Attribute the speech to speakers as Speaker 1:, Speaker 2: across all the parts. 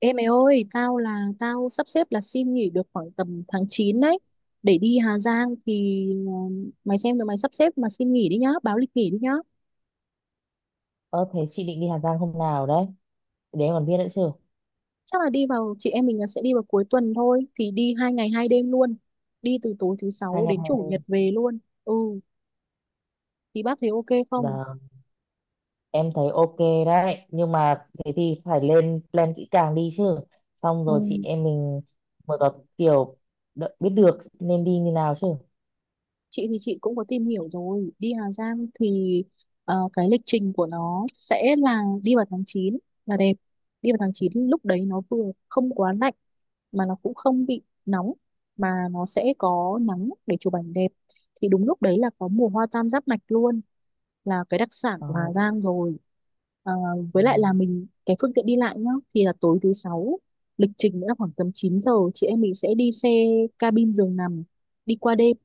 Speaker 1: Ê mày ơi, tao sắp xếp là xin nghỉ được khoảng tầm tháng 9 đấy để đi Hà Giang thì mày xem rồi mày sắp xếp mà xin nghỉ đi nhá, báo lịch nghỉ đi nhá.
Speaker 2: Ơ thế chị định đi Hà Giang hôm nào đấy? Để em còn biết nữa chứ.
Speaker 1: Chắc là đi vào chị em mình là sẽ đi vào cuối tuần thôi thì đi 2 ngày 2 đêm luôn. Đi từ tối thứ
Speaker 2: Hai
Speaker 1: sáu
Speaker 2: ngày
Speaker 1: đến
Speaker 2: hai
Speaker 1: chủ nhật
Speaker 2: đêm.
Speaker 1: về luôn. Ừ, thì bác thấy ok không?
Speaker 2: Là em thấy ok đấy. Nhưng mà thế thì phải lên plan kỹ càng đi chứ. Xong rồi chị
Speaker 1: Ừ,
Speaker 2: em mình mới có kiểu biết được nên đi như nào chứ.
Speaker 1: chị thì chị cũng có tìm hiểu rồi, đi Hà Giang thì cái lịch trình của nó sẽ là đi vào tháng 9 là đẹp. Đi vào tháng 9 lúc đấy nó vừa không quá lạnh mà nó cũng không bị nóng mà nó sẽ có nắng để chụp ảnh đẹp thì đúng lúc đấy là có mùa hoa tam giác mạch luôn là cái đặc sản
Speaker 2: Ờ.
Speaker 1: của Hà Giang rồi. À, với lại là
Speaker 2: Ừm.
Speaker 1: mình cái phương tiện đi lại nhá thì là tối thứ sáu, lịch trình nữa là khoảng tầm 9 giờ chị em mình sẽ đi xe cabin giường nằm đi qua đêm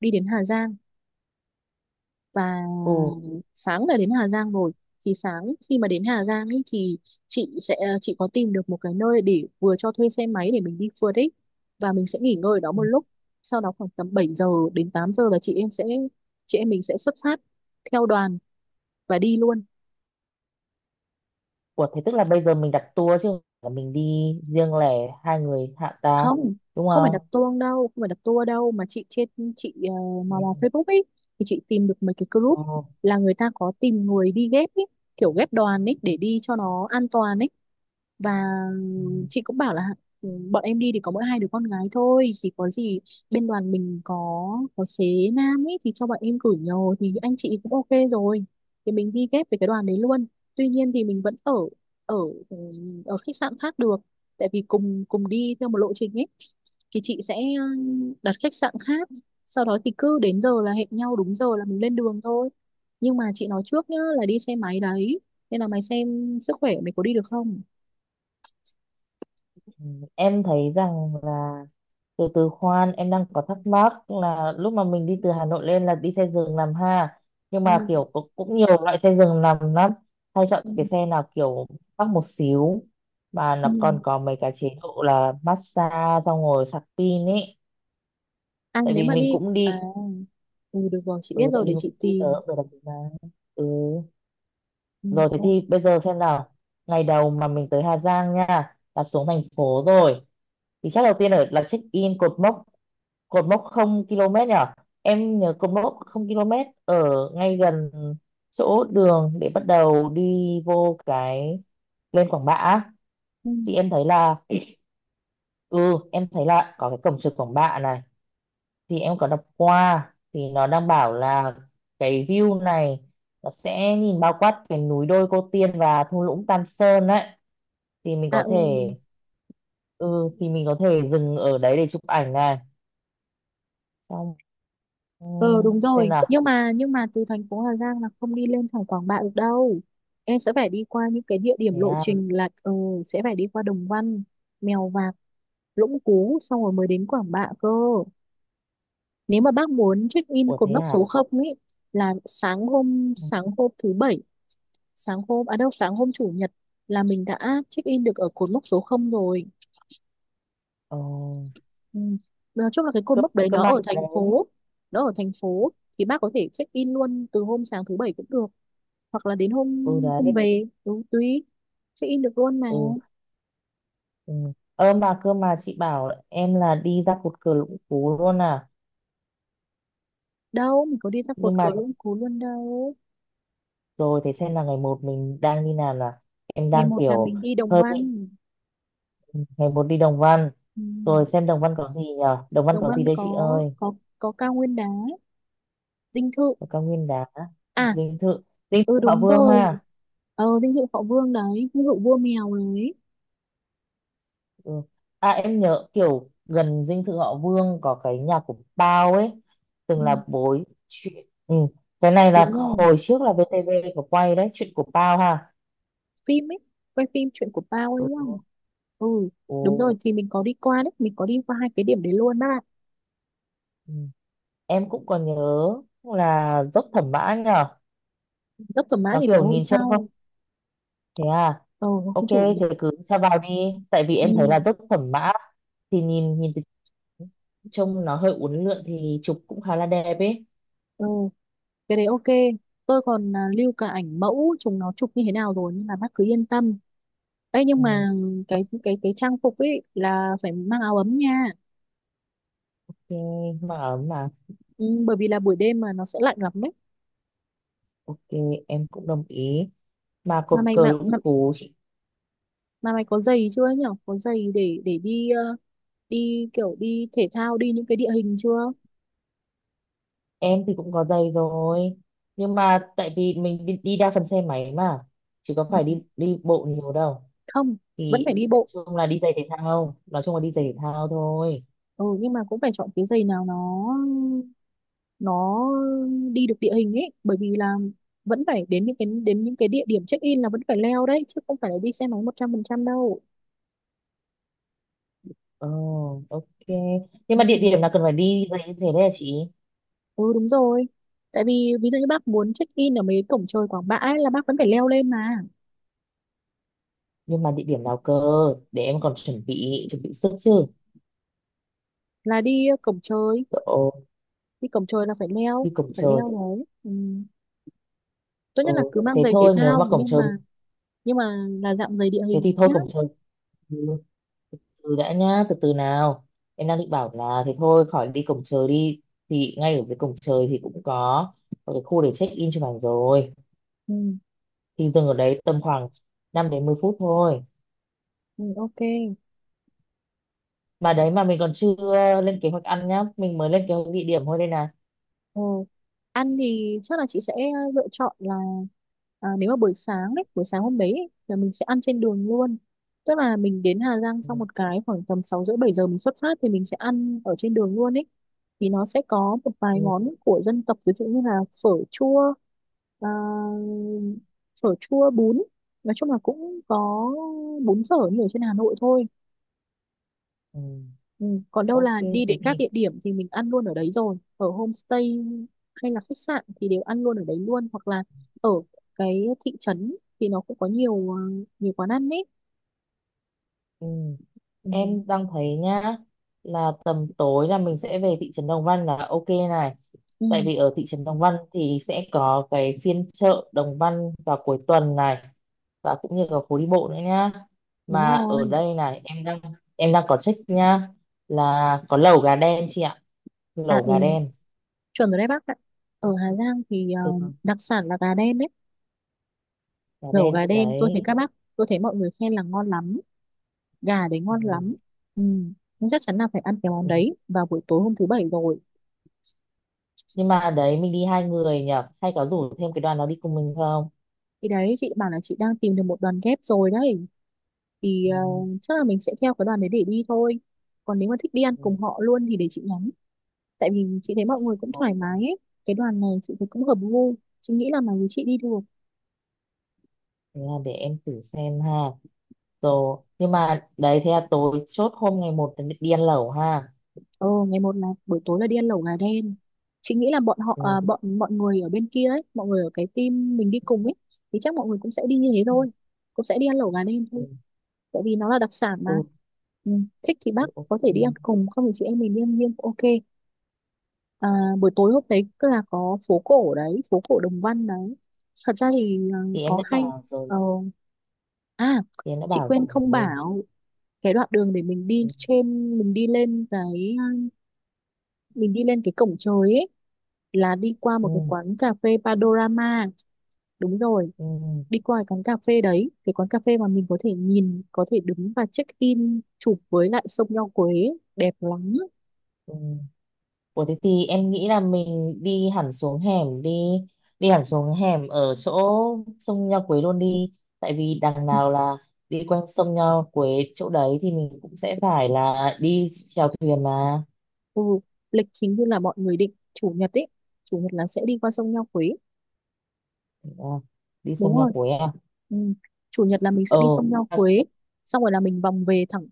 Speaker 1: đi đến Hà Giang. Và
Speaker 2: Ừ.
Speaker 1: sáng là đến Hà Giang rồi thì sáng khi mà đến Hà Giang ý, thì chị có tìm được một cái nơi để vừa cho thuê xe máy để mình đi phượt ấy và mình sẽ nghỉ ngơi ở đó một
Speaker 2: Ừm.
Speaker 1: lúc. Sau đó khoảng tầm 7 giờ đến 8 giờ là chị em mình sẽ xuất phát theo đoàn và đi luôn.
Speaker 2: Ủa thế tức là bây giờ mình đặt tour chứ, không phải là mình đi riêng lẻ 2 người hạ ta.
Speaker 1: Không,
Speaker 2: Đúng
Speaker 1: không phải đặt
Speaker 2: không?
Speaker 1: tour đâu không phải đặt tour đâu mà chị trên chị
Speaker 2: Ừ.
Speaker 1: mò mò Facebook ấy thì chị tìm được mấy cái
Speaker 2: Ừ.
Speaker 1: group là người ta có tìm người đi ghép ấy kiểu ghép đoàn ấy để đi cho nó an toàn ấy. Và chị cũng bảo là "Ừ, bọn em đi thì có mỗi hai đứa con gái thôi thì có gì, bên đoàn mình có xế nam ấy thì cho bọn em gửi nhờ". Thì anh chị cũng ok rồi thì mình đi ghép với cái đoàn đấy luôn. Tuy nhiên thì mình vẫn ở ở ừ, ở khách sạn khác được tại vì cùng cùng đi theo một lộ trình ấy thì chị sẽ đặt khách sạn khác. Sau đó thì cứ đến giờ là hẹn nhau đúng giờ là mình lên đường thôi. Nhưng mà chị nói trước nhá là đi xe máy đấy nên là mày xem sức khỏe mày có đi được không.
Speaker 2: Ừ. Em thấy rằng là từ từ khoan, em đang có thắc mắc là lúc mà mình đi từ Hà Nội lên là đi xe giường nằm ha, nhưng
Speaker 1: Ừ.
Speaker 2: mà kiểu cũng nhiều loại xe giường nằm lắm. Hay chọn
Speaker 1: Ừ.
Speaker 2: cái xe nào kiểu mắc một xíu mà nó
Speaker 1: Ừ.
Speaker 2: còn có mấy cái chế độ là massage xong rồi sạc pin ấy,
Speaker 1: À
Speaker 2: tại
Speaker 1: nếu
Speaker 2: vì
Speaker 1: mà
Speaker 2: mình
Speaker 1: đi
Speaker 2: cũng
Speaker 1: à
Speaker 2: đi.
Speaker 1: ừ, được rồi chị biết rồi để chị
Speaker 2: Tới
Speaker 1: tìm.
Speaker 2: được mà. ừ
Speaker 1: Ừ.
Speaker 2: Rồi thế thì bây giờ xem nào. Ngày đầu mà mình tới Hà Giang nha là xuống thành phố rồi thì chắc đầu tiên ở là check in cột mốc, cột mốc không km nhỉ. Em nhớ cột mốc không km ở ngay gần chỗ đường để bắt đầu đi vô cái lên Quảng Bạ á.
Speaker 1: Ừ.
Speaker 2: Thì em thấy là, ừ em thấy là có cái cổng trường Quảng Bạ này, thì em có đọc qua thì nó đang bảo là cái view này nó sẽ nhìn bao quát cái núi đôi Cô Tiên và thung lũng Tam Sơn đấy. Thì mình
Speaker 1: À
Speaker 2: có
Speaker 1: ừ.
Speaker 2: thể, ừ thì mình có thể dừng ở đấy để chụp ảnh này xong. Ừ,
Speaker 1: Ờ đúng
Speaker 2: xem
Speaker 1: rồi
Speaker 2: nào.
Speaker 1: nhưng mà từ thành phố Hà Giang là không đi lên thẳng Quảng Bạ được đâu, em sẽ phải đi qua những cái địa điểm
Speaker 2: Thế
Speaker 1: lộ
Speaker 2: à?
Speaker 1: trình là sẽ phải đi qua Đồng Văn, Mèo Vạc, Lũng Cú xong rồi mới đến Quảng Bạ cơ, nếu mà bác muốn check in
Speaker 2: Ủa,
Speaker 1: cột
Speaker 2: thế
Speaker 1: mốc
Speaker 2: à?
Speaker 1: số không ấy là sáng hôm
Speaker 2: Ừ.
Speaker 1: sáng hôm thứ bảy, sáng hôm à đâu, sáng hôm chủ nhật là mình đã check in được ở cột mốc số không rồi.
Speaker 2: Ờ,
Speaker 1: Ừ. Nói chung là cái cột
Speaker 2: cơ
Speaker 1: mốc đấy
Speaker 2: cơ
Speaker 1: nó
Speaker 2: mà
Speaker 1: ở
Speaker 2: đấy.
Speaker 1: thành phố nó ở thành phố thì bác có thể check in luôn từ hôm sáng thứ bảy cũng được hoặc là đến hôm
Speaker 2: Ừ đấy.
Speaker 1: hôm về, ừ, tùy, check in được luôn mà.
Speaker 2: Ừ, ừ. Ơ mà cơ mà chị bảo em là đi ra cột cờ Lũng Cú luôn à?
Speaker 1: Đâu mình có đi ra
Speaker 2: Nhưng
Speaker 1: cột cờ
Speaker 2: mà
Speaker 1: Lũng Cú luôn đâu.
Speaker 2: rồi thế xem là ngày một mình đang đi nào. Là em
Speaker 1: ngày
Speaker 2: đang
Speaker 1: một là
Speaker 2: kiểu
Speaker 1: mình đi Đồng
Speaker 2: hơi bị,
Speaker 1: Văn.
Speaker 2: ngày một đi Đồng Văn.
Speaker 1: Ừ.
Speaker 2: Rồi xem Đồng Văn có gì nhở. Đồng Văn
Speaker 1: Đồng
Speaker 2: có
Speaker 1: Văn
Speaker 2: gì đây chị
Speaker 1: có
Speaker 2: ơi?
Speaker 1: có có cao nguyên đá, dinh thự.
Speaker 2: Có cao nguyên đá,
Speaker 1: À
Speaker 2: dinh thự, dinh thự
Speaker 1: ừ
Speaker 2: Thọ
Speaker 1: đúng
Speaker 2: Vương
Speaker 1: rồi,
Speaker 2: ha.
Speaker 1: ờ dinh thự Họ Vương đấy, dinh thự vua mèo đấy.
Speaker 2: Ừ. À em nhớ kiểu gần dinh thự họ Vương có cái nhà của Bao ấy, từng
Speaker 1: Ừ,
Speaker 2: là bối chuyện. Ừ, cái này là
Speaker 1: đúng rồi.
Speaker 2: hồi trước là VTV có quay đấy, chuyện của Bao ha.
Speaker 1: Phim ấy, quay phim chuyện của Bao ấy
Speaker 2: Ừ.
Speaker 1: đúng không? Ừ đúng
Speaker 2: Ừ.
Speaker 1: rồi thì mình có đi qua đấy, mình có đi qua hai cái điểm đấy luôn á.
Speaker 2: Ừ. Em cũng còn nhớ là dốc Thẩm Mã nhở.
Speaker 1: Dốc Thẩm Mã
Speaker 2: Nó
Speaker 1: thì phải
Speaker 2: kiểu
Speaker 1: hôm
Speaker 2: nhìn trông không.
Speaker 1: sau,
Speaker 2: Thế à?
Speaker 1: ờ, hôm
Speaker 2: Ok
Speaker 1: chủ nhật.
Speaker 2: thế cứ cho vào đi, tại vì em thấy là
Speaker 1: Ừ.
Speaker 2: dốc Thẩm Mã thì nhìn nhìn từ trông nó hơi uốn lượn thì chụp cũng khá là đẹp ấy.
Speaker 1: Ờ cái đấy ok. Tôi còn lưu cả ảnh mẫu chúng nó chụp như thế nào rồi nhưng mà bác cứ yên tâm, ấy nhưng
Speaker 2: Ừ.
Speaker 1: mà cái trang phục ấy là phải mang áo ấm nha.
Speaker 2: Thì mà ấm mà.
Speaker 1: Ừ, bởi vì là buổi đêm mà nó sẽ lạnh lắm đấy.
Speaker 2: Ok, em cũng đồng ý. Mà
Speaker 1: mà
Speaker 2: cột
Speaker 1: mày
Speaker 2: cờ
Speaker 1: mà,
Speaker 2: Lũng
Speaker 1: mà,
Speaker 2: Cú, chị.
Speaker 1: mà mày có giày chưa nhỉ, có giày để đi, đi kiểu đi thể thao đi những cái địa hình chưa?
Speaker 2: Em thì cũng có giày rồi. Nhưng mà tại vì mình đi đa phần xe máy mà, chứ có phải đi đi bộ nhiều đâu.
Speaker 1: Không, vẫn
Speaker 2: Thì
Speaker 1: phải đi
Speaker 2: nói
Speaker 1: bộ.
Speaker 2: chung là đi giày thể thao, nói chung là đi giày thể thao thôi.
Speaker 1: Ừ nhưng mà cũng phải chọn cái giày nào nó đi được địa hình ấy bởi vì là vẫn phải đến những cái địa điểm check in là vẫn phải leo đấy chứ không phải là đi xe máy 100% đâu.
Speaker 2: Ờ, ok. Nhưng mà địa
Speaker 1: Ừ.
Speaker 2: điểm nào cần phải đi giày như thế đấy hả chị?
Speaker 1: Ừ đúng rồi tại vì ví dụ như bác muốn check in ở mấy cái cổng trời Quảng Bạ ấy, là bác vẫn phải leo lên mà,
Speaker 2: Nhưng mà địa điểm nào cơ? Để em còn chuẩn bị sức chứ.
Speaker 1: là đi cổng trời,
Speaker 2: Ồ,
Speaker 1: đi cổng trời là phải leo,
Speaker 2: đi cổng
Speaker 1: phải
Speaker 2: trời.
Speaker 1: leo đấy ừ. Tốt nhất
Speaker 2: Ờ,
Speaker 1: là cứ mang
Speaker 2: thế
Speaker 1: giày thể
Speaker 2: thôi, nếu
Speaker 1: thao
Speaker 2: mà cổng
Speaker 1: nhưng
Speaker 2: trời,
Speaker 1: mà nhưng mà là dạng giày địa
Speaker 2: thế
Speaker 1: hình
Speaker 2: thì thôi
Speaker 1: nhá.
Speaker 2: cổng trời. Ừ, từ đã nhá, từ từ nào. Em đang định bảo là thế thôi khỏi đi cổng trời đi, thì ngay ở dưới cổng trời thì cũng có một cái khu để check in chụp ảnh rồi,
Speaker 1: Ừ.
Speaker 2: thì dừng ở đấy tầm khoảng 5 đến 10 phút thôi.
Speaker 1: Ừ, ok.
Speaker 2: Mà đấy, mà mình còn chưa lên kế hoạch ăn nhá, mình mới lên kế hoạch địa điểm thôi đây nè.
Speaker 1: Ừ. Ăn thì chắc là chị sẽ lựa chọn là nếu mà buổi sáng ấy, buổi sáng hôm đấy ấy, là mình sẽ ăn trên đường luôn. Tức là mình đến Hà Giang
Speaker 2: Ừ,
Speaker 1: xong một cái khoảng tầm 6 rưỡi 7 giờ mình xuất phát thì mình sẽ ăn ở trên đường luôn ấy. Thì nó sẽ có một vài
Speaker 2: ừ,
Speaker 1: món của dân tộc ví dụ như là phở chua, à, phở chua bún. Nói chung là cũng có bún phở như ở trên Hà Nội thôi.
Speaker 2: ừ.
Speaker 1: Ừ. Còn đâu
Speaker 2: Ok
Speaker 1: là
Speaker 2: thế
Speaker 1: đi đến các
Speaker 2: thì.
Speaker 1: địa điểm thì mình ăn luôn ở đấy rồi ở homestay hay là khách sạn thì đều ăn luôn ở đấy luôn hoặc là ở cái thị trấn thì nó cũng có nhiều nhiều quán ăn đấy.
Speaker 2: Ừ.
Speaker 1: Ừ.
Speaker 2: Em đang thấy nhá là tầm tối là mình sẽ về thị trấn Đồng Văn là ok này,
Speaker 1: Ừ.
Speaker 2: tại vì ở thị trấn Đồng Văn thì sẽ có cái phiên chợ Đồng Văn vào cuối tuần này và cũng như là phố đi bộ nữa nhá.
Speaker 1: Đúng
Speaker 2: Mà ở
Speaker 1: rồi.
Speaker 2: đây này em đang có check nhá là có lẩu gà đen chị ạ,
Speaker 1: À
Speaker 2: lẩu gà
Speaker 1: ừ
Speaker 2: đen.
Speaker 1: chuẩn rồi đấy bác ạ, ở Hà Giang thì
Speaker 2: Ừ,
Speaker 1: đặc sản là gà đen đấy.
Speaker 2: gà
Speaker 1: Lẩu
Speaker 2: đen
Speaker 1: gà đen,
Speaker 2: đấy.
Speaker 1: tôi thấy mọi người khen là ngon lắm, gà đấy
Speaker 2: Ừ,
Speaker 1: ngon lắm. Ừ. Nhưng chắc chắn là phải ăn cái món
Speaker 2: ừ.
Speaker 1: đấy vào buổi tối hôm thứ bảy rồi.
Speaker 2: Nhưng mà đấy mình đi 2 người nhỉ, hay có rủ thêm cái đoàn nó đi cùng mình không.
Speaker 1: Thì đấy chị bảo là chị đang tìm được một đoàn ghép rồi đấy thì
Speaker 2: Ừ,
Speaker 1: chắc là mình sẽ theo cái đoàn đấy để đi thôi. Còn nếu mà thích đi ăn
Speaker 2: ừ,
Speaker 1: cùng họ luôn thì để chị nhắn, tại vì chị thấy mọi người cũng
Speaker 2: ừ.
Speaker 1: thoải mái ấy. Cái đoàn này chị thấy cũng hợp gu, chị nghĩ là mà với chị đi được.
Speaker 2: Thế là để em thử xem ha, rồi nhưng mà đấy thế là tối chốt hôm ngày một là đi ăn lẩu ha.
Speaker 1: Ờ ngày 1 là buổi tối là đi ăn lẩu gà đen, chị nghĩ là
Speaker 2: Ừ.
Speaker 1: bọn mọi người ở bên kia ấy, mọi người ở cái team mình đi cùng ấy thì chắc mọi người cũng sẽ đi như thế thôi, cũng sẽ đi ăn lẩu gà đen
Speaker 2: Ừ.
Speaker 1: thôi tại vì nó là đặc sản mà.
Speaker 2: Ừ.
Speaker 1: Ừ. Thích thì
Speaker 2: Ừ,
Speaker 1: bác
Speaker 2: ok.
Speaker 1: có thể đi ăn cùng, không thì chị em mình đi ăn riêng cũng ok. À, buổi tối hôm đấy cứ là có phố cổ đấy, phố cổ Đồng Văn đấy. Thật ra thì
Speaker 2: Thì em
Speaker 1: có
Speaker 2: đã
Speaker 1: hay.
Speaker 2: bảo rồi.
Speaker 1: Ờ, à,
Speaker 2: Thì em đã
Speaker 1: chị
Speaker 2: bảo
Speaker 1: quên không
Speaker 2: rồi.
Speaker 1: bảo cái đoạn đường để mình đi
Speaker 2: Ừ.
Speaker 1: trên, mình đi lên cái, mình đi lên cái cổng trời ấy là đi qua một
Speaker 2: Ừ,
Speaker 1: cái quán cà phê Panorama. Đúng rồi,
Speaker 2: ừ,
Speaker 1: đi qua cái quán cà phê đấy, cái quán cà phê mà mình có thể nhìn, có thể đứng và check in chụp với lại sông Nho Quế, đẹp lắm.
Speaker 2: ừ. Ủa thế thì em nghĩ là mình đi hẳn xuống hẻm đi, đi hẳn xuống hẻm ở chỗ sông Nho Quế luôn đi, tại vì đằng nào là đi quanh sông Nho Quế, chỗ đấy thì mình cũng sẽ phải là đi chèo thuyền mà.
Speaker 1: Ừ, lịch hình như là mọi người định chủ nhật ấy. Chủ nhật là sẽ đi qua sông Nho Quế.
Speaker 2: Ờ, đi
Speaker 1: Đúng
Speaker 2: sông Nho
Speaker 1: rồi.
Speaker 2: Quế à?
Speaker 1: Ừ. Chủ nhật là mình
Speaker 2: Ờ,
Speaker 1: sẽ đi sông Nho
Speaker 2: à,
Speaker 1: Quế. Xong rồi là mình vòng về thẳng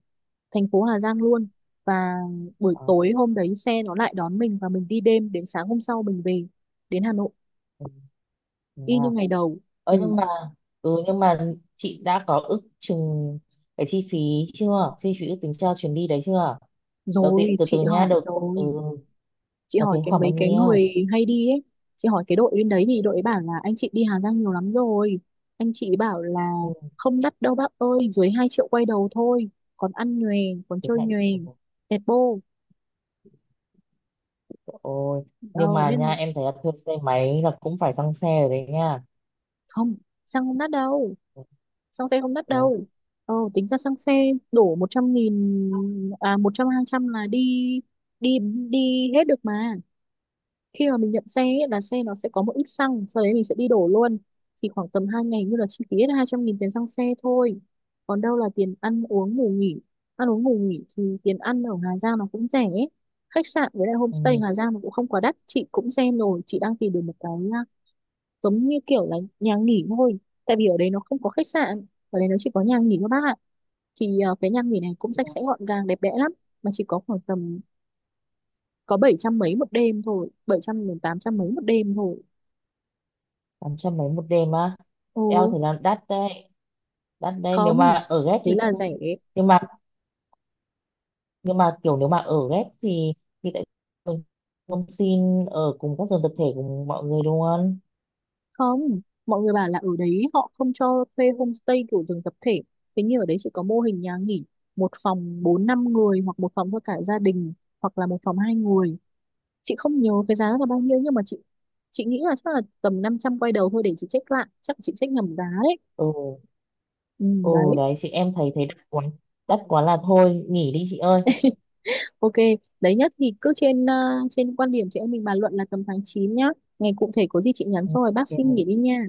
Speaker 1: thành phố Hà Giang luôn. Và buổi
Speaker 2: ờ,
Speaker 1: tối hôm đấy xe nó lại đón mình và mình đi đêm đến sáng hôm sau mình về đến Hà Nội.
Speaker 2: ừ, thế
Speaker 1: Y
Speaker 2: à.
Speaker 1: như ngày đầu.
Speaker 2: Ờ,
Speaker 1: Ừ.
Speaker 2: nhưng mà, ừ, nhưng mà chị đã có ước chừng cái chi phí chưa, chi phí ước tính cho chuyến đi đấy chưa? Đầu tiên
Speaker 1: Rồi,
Speaker 2: từ
Speaker 1: chị
Speaker 2: từ nha,
Speaker 1: hỏi
Speaker 2: đầu, ừ,
Speaker 1: rồi. Chị
Speaker 2: là
Speaker 1: hỏi
Speaker 2: tiền
Speaker 1: cái
Speaker 2: khoảng
Speaker 1: mấy
Speaker 2: bao
Speaker 1: cái
Speaker 2: nhiêu?
Speaker 1: người hay đi ấy Chị hỏi cái đội bên đấy thì đội ấy bảo là anh chị đi Hà Giang nhiều lắm rồi, anh chị bảo là
Speaker 2: Ừ,
Speaker 1: không đắt đâu bác ơi, dưới 2 triệu quay đầu thôi, còn ăn nhòe, còn
Speaker 2: tiếng
Speaker 1: chơi
Speaker 2: Anh.
Speaker 1: nhòe,
Speaker 2: Ừ,
Speaker 1: tẹt bô.
Speaker 2: trời ơi.
Speaker 1: Ờ,
Speaker 2: Nhưng mà
Speaker 1: nên
Speaker 2: nha em thấy là thuê xe máy là cũng phải xăng xe rồi đấy nha.
Speaker 1: không, xăng không đắt đâu,
Speaker 2: Ừ,
Speaker 1: xăng xe không đắt
Speaker 2: thế
Speaker 1: đâu.
Speaker 2: à?
Speaker 1: Ờ, tính ra xăng xe đổ 100.000, à, một trăm hai trăm là đi đi đi hết được mà. Khi mà mình nhận xe ấy, là xe nó sẽ có một ít xăng sau đấy mình sẽ đi đổ luôn, thì khoảng tầm 2 ngày như là chi phí hết 200.000 tiền xăng xe thôi. Còn đâu là tiền ăn uống ngủ nghỉ, ăn uống ngủ nghỉ thì tiền ăn ở Hà Giang nó cũng rẻ ấy. Khách sạn với lại homestay
Speaker 2: Ừ,
Speaker 1: Hà Giang nó cũng không quá đắt, chị cũng xem rồi, chị đang tìm được một cái giống như kiểu là nhà nghỉ thôi, tại vì ở đấy nó không có khách sạn, ở đấy nó chỉ có nhà nghỉ thôi bác ạ. Thì cái nhà nghỉ này cũng sạch sẽ gọn gàng đẹp đẽ lắm mà chỉ có khoảng tầm có 700 mấy một đêm thôi, 700 đến 800 mấy một đêm thôi.
Speaker 2: 800 mấy một đêm á?
Speaker 1: Ừ,
Speaker 2: Eo thì là đắt đấy, đắt đấy. Nếu mà
Speaker 1: không,
Speaker 2: ở ghép
Speaker 1: thế
Speaker 2: thì
Speaker 1: là
Speaker 2: thôi.
Speaker 1: rẻ.
Speaker 2: Nhưng mà nhưng mà kiểu nếu mà ở ghép thì tại sao mình không xin ở cùng các giường tập thể cùng mọi người luôn.
Speaker 1: Không, mọi người bảo là ở đấy họ không cho thuê homestay kiểu giường tập thể. Thế nhưng ở đấy chỉ có mô hình nhà nghỉ, một phòng bốn năm người hoặc một phòng cho cả gia đình hoặc là một phòng hai người. Chị không nhớ cái giá là bao nhiêu nhưng mà chị nghĩ là chắc là tầm 500 quay đầu thôi để chị check lại. Chắc chị check nhầm giá đấy.
Speaker 2: Ừ.
Speaker 1: Ừ,
Speaker 2: Ừ
Speaker 1: đấy,
Speaker 2: đấy chị, em thấy thấy đắt quá. Đắt quá là thôi nghỉ đi chị ơi.
Speaker 1: ok. Đấy nhất thì cứ trên trên quan điểm chị em mình bàn luận là tầm tháng 9 nhá. Ngày cụ thể có gì chị nhắn
Speaker 2: Ừ,
Speaker 1: sau rồi bác
Speaker 2: ok.
Speaker 1: xin nghỉ đi nha.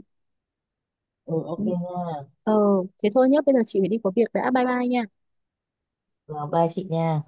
Speaker 2: Ừ
Speaker 1: Ừ.
Speaker 2: ok nha.
Speaker 1: Ờ, thế thôi nhé, bây giờ chị phải đi có việc đã, bye bye nha.
Speaker 2: Rồi bye chị nha.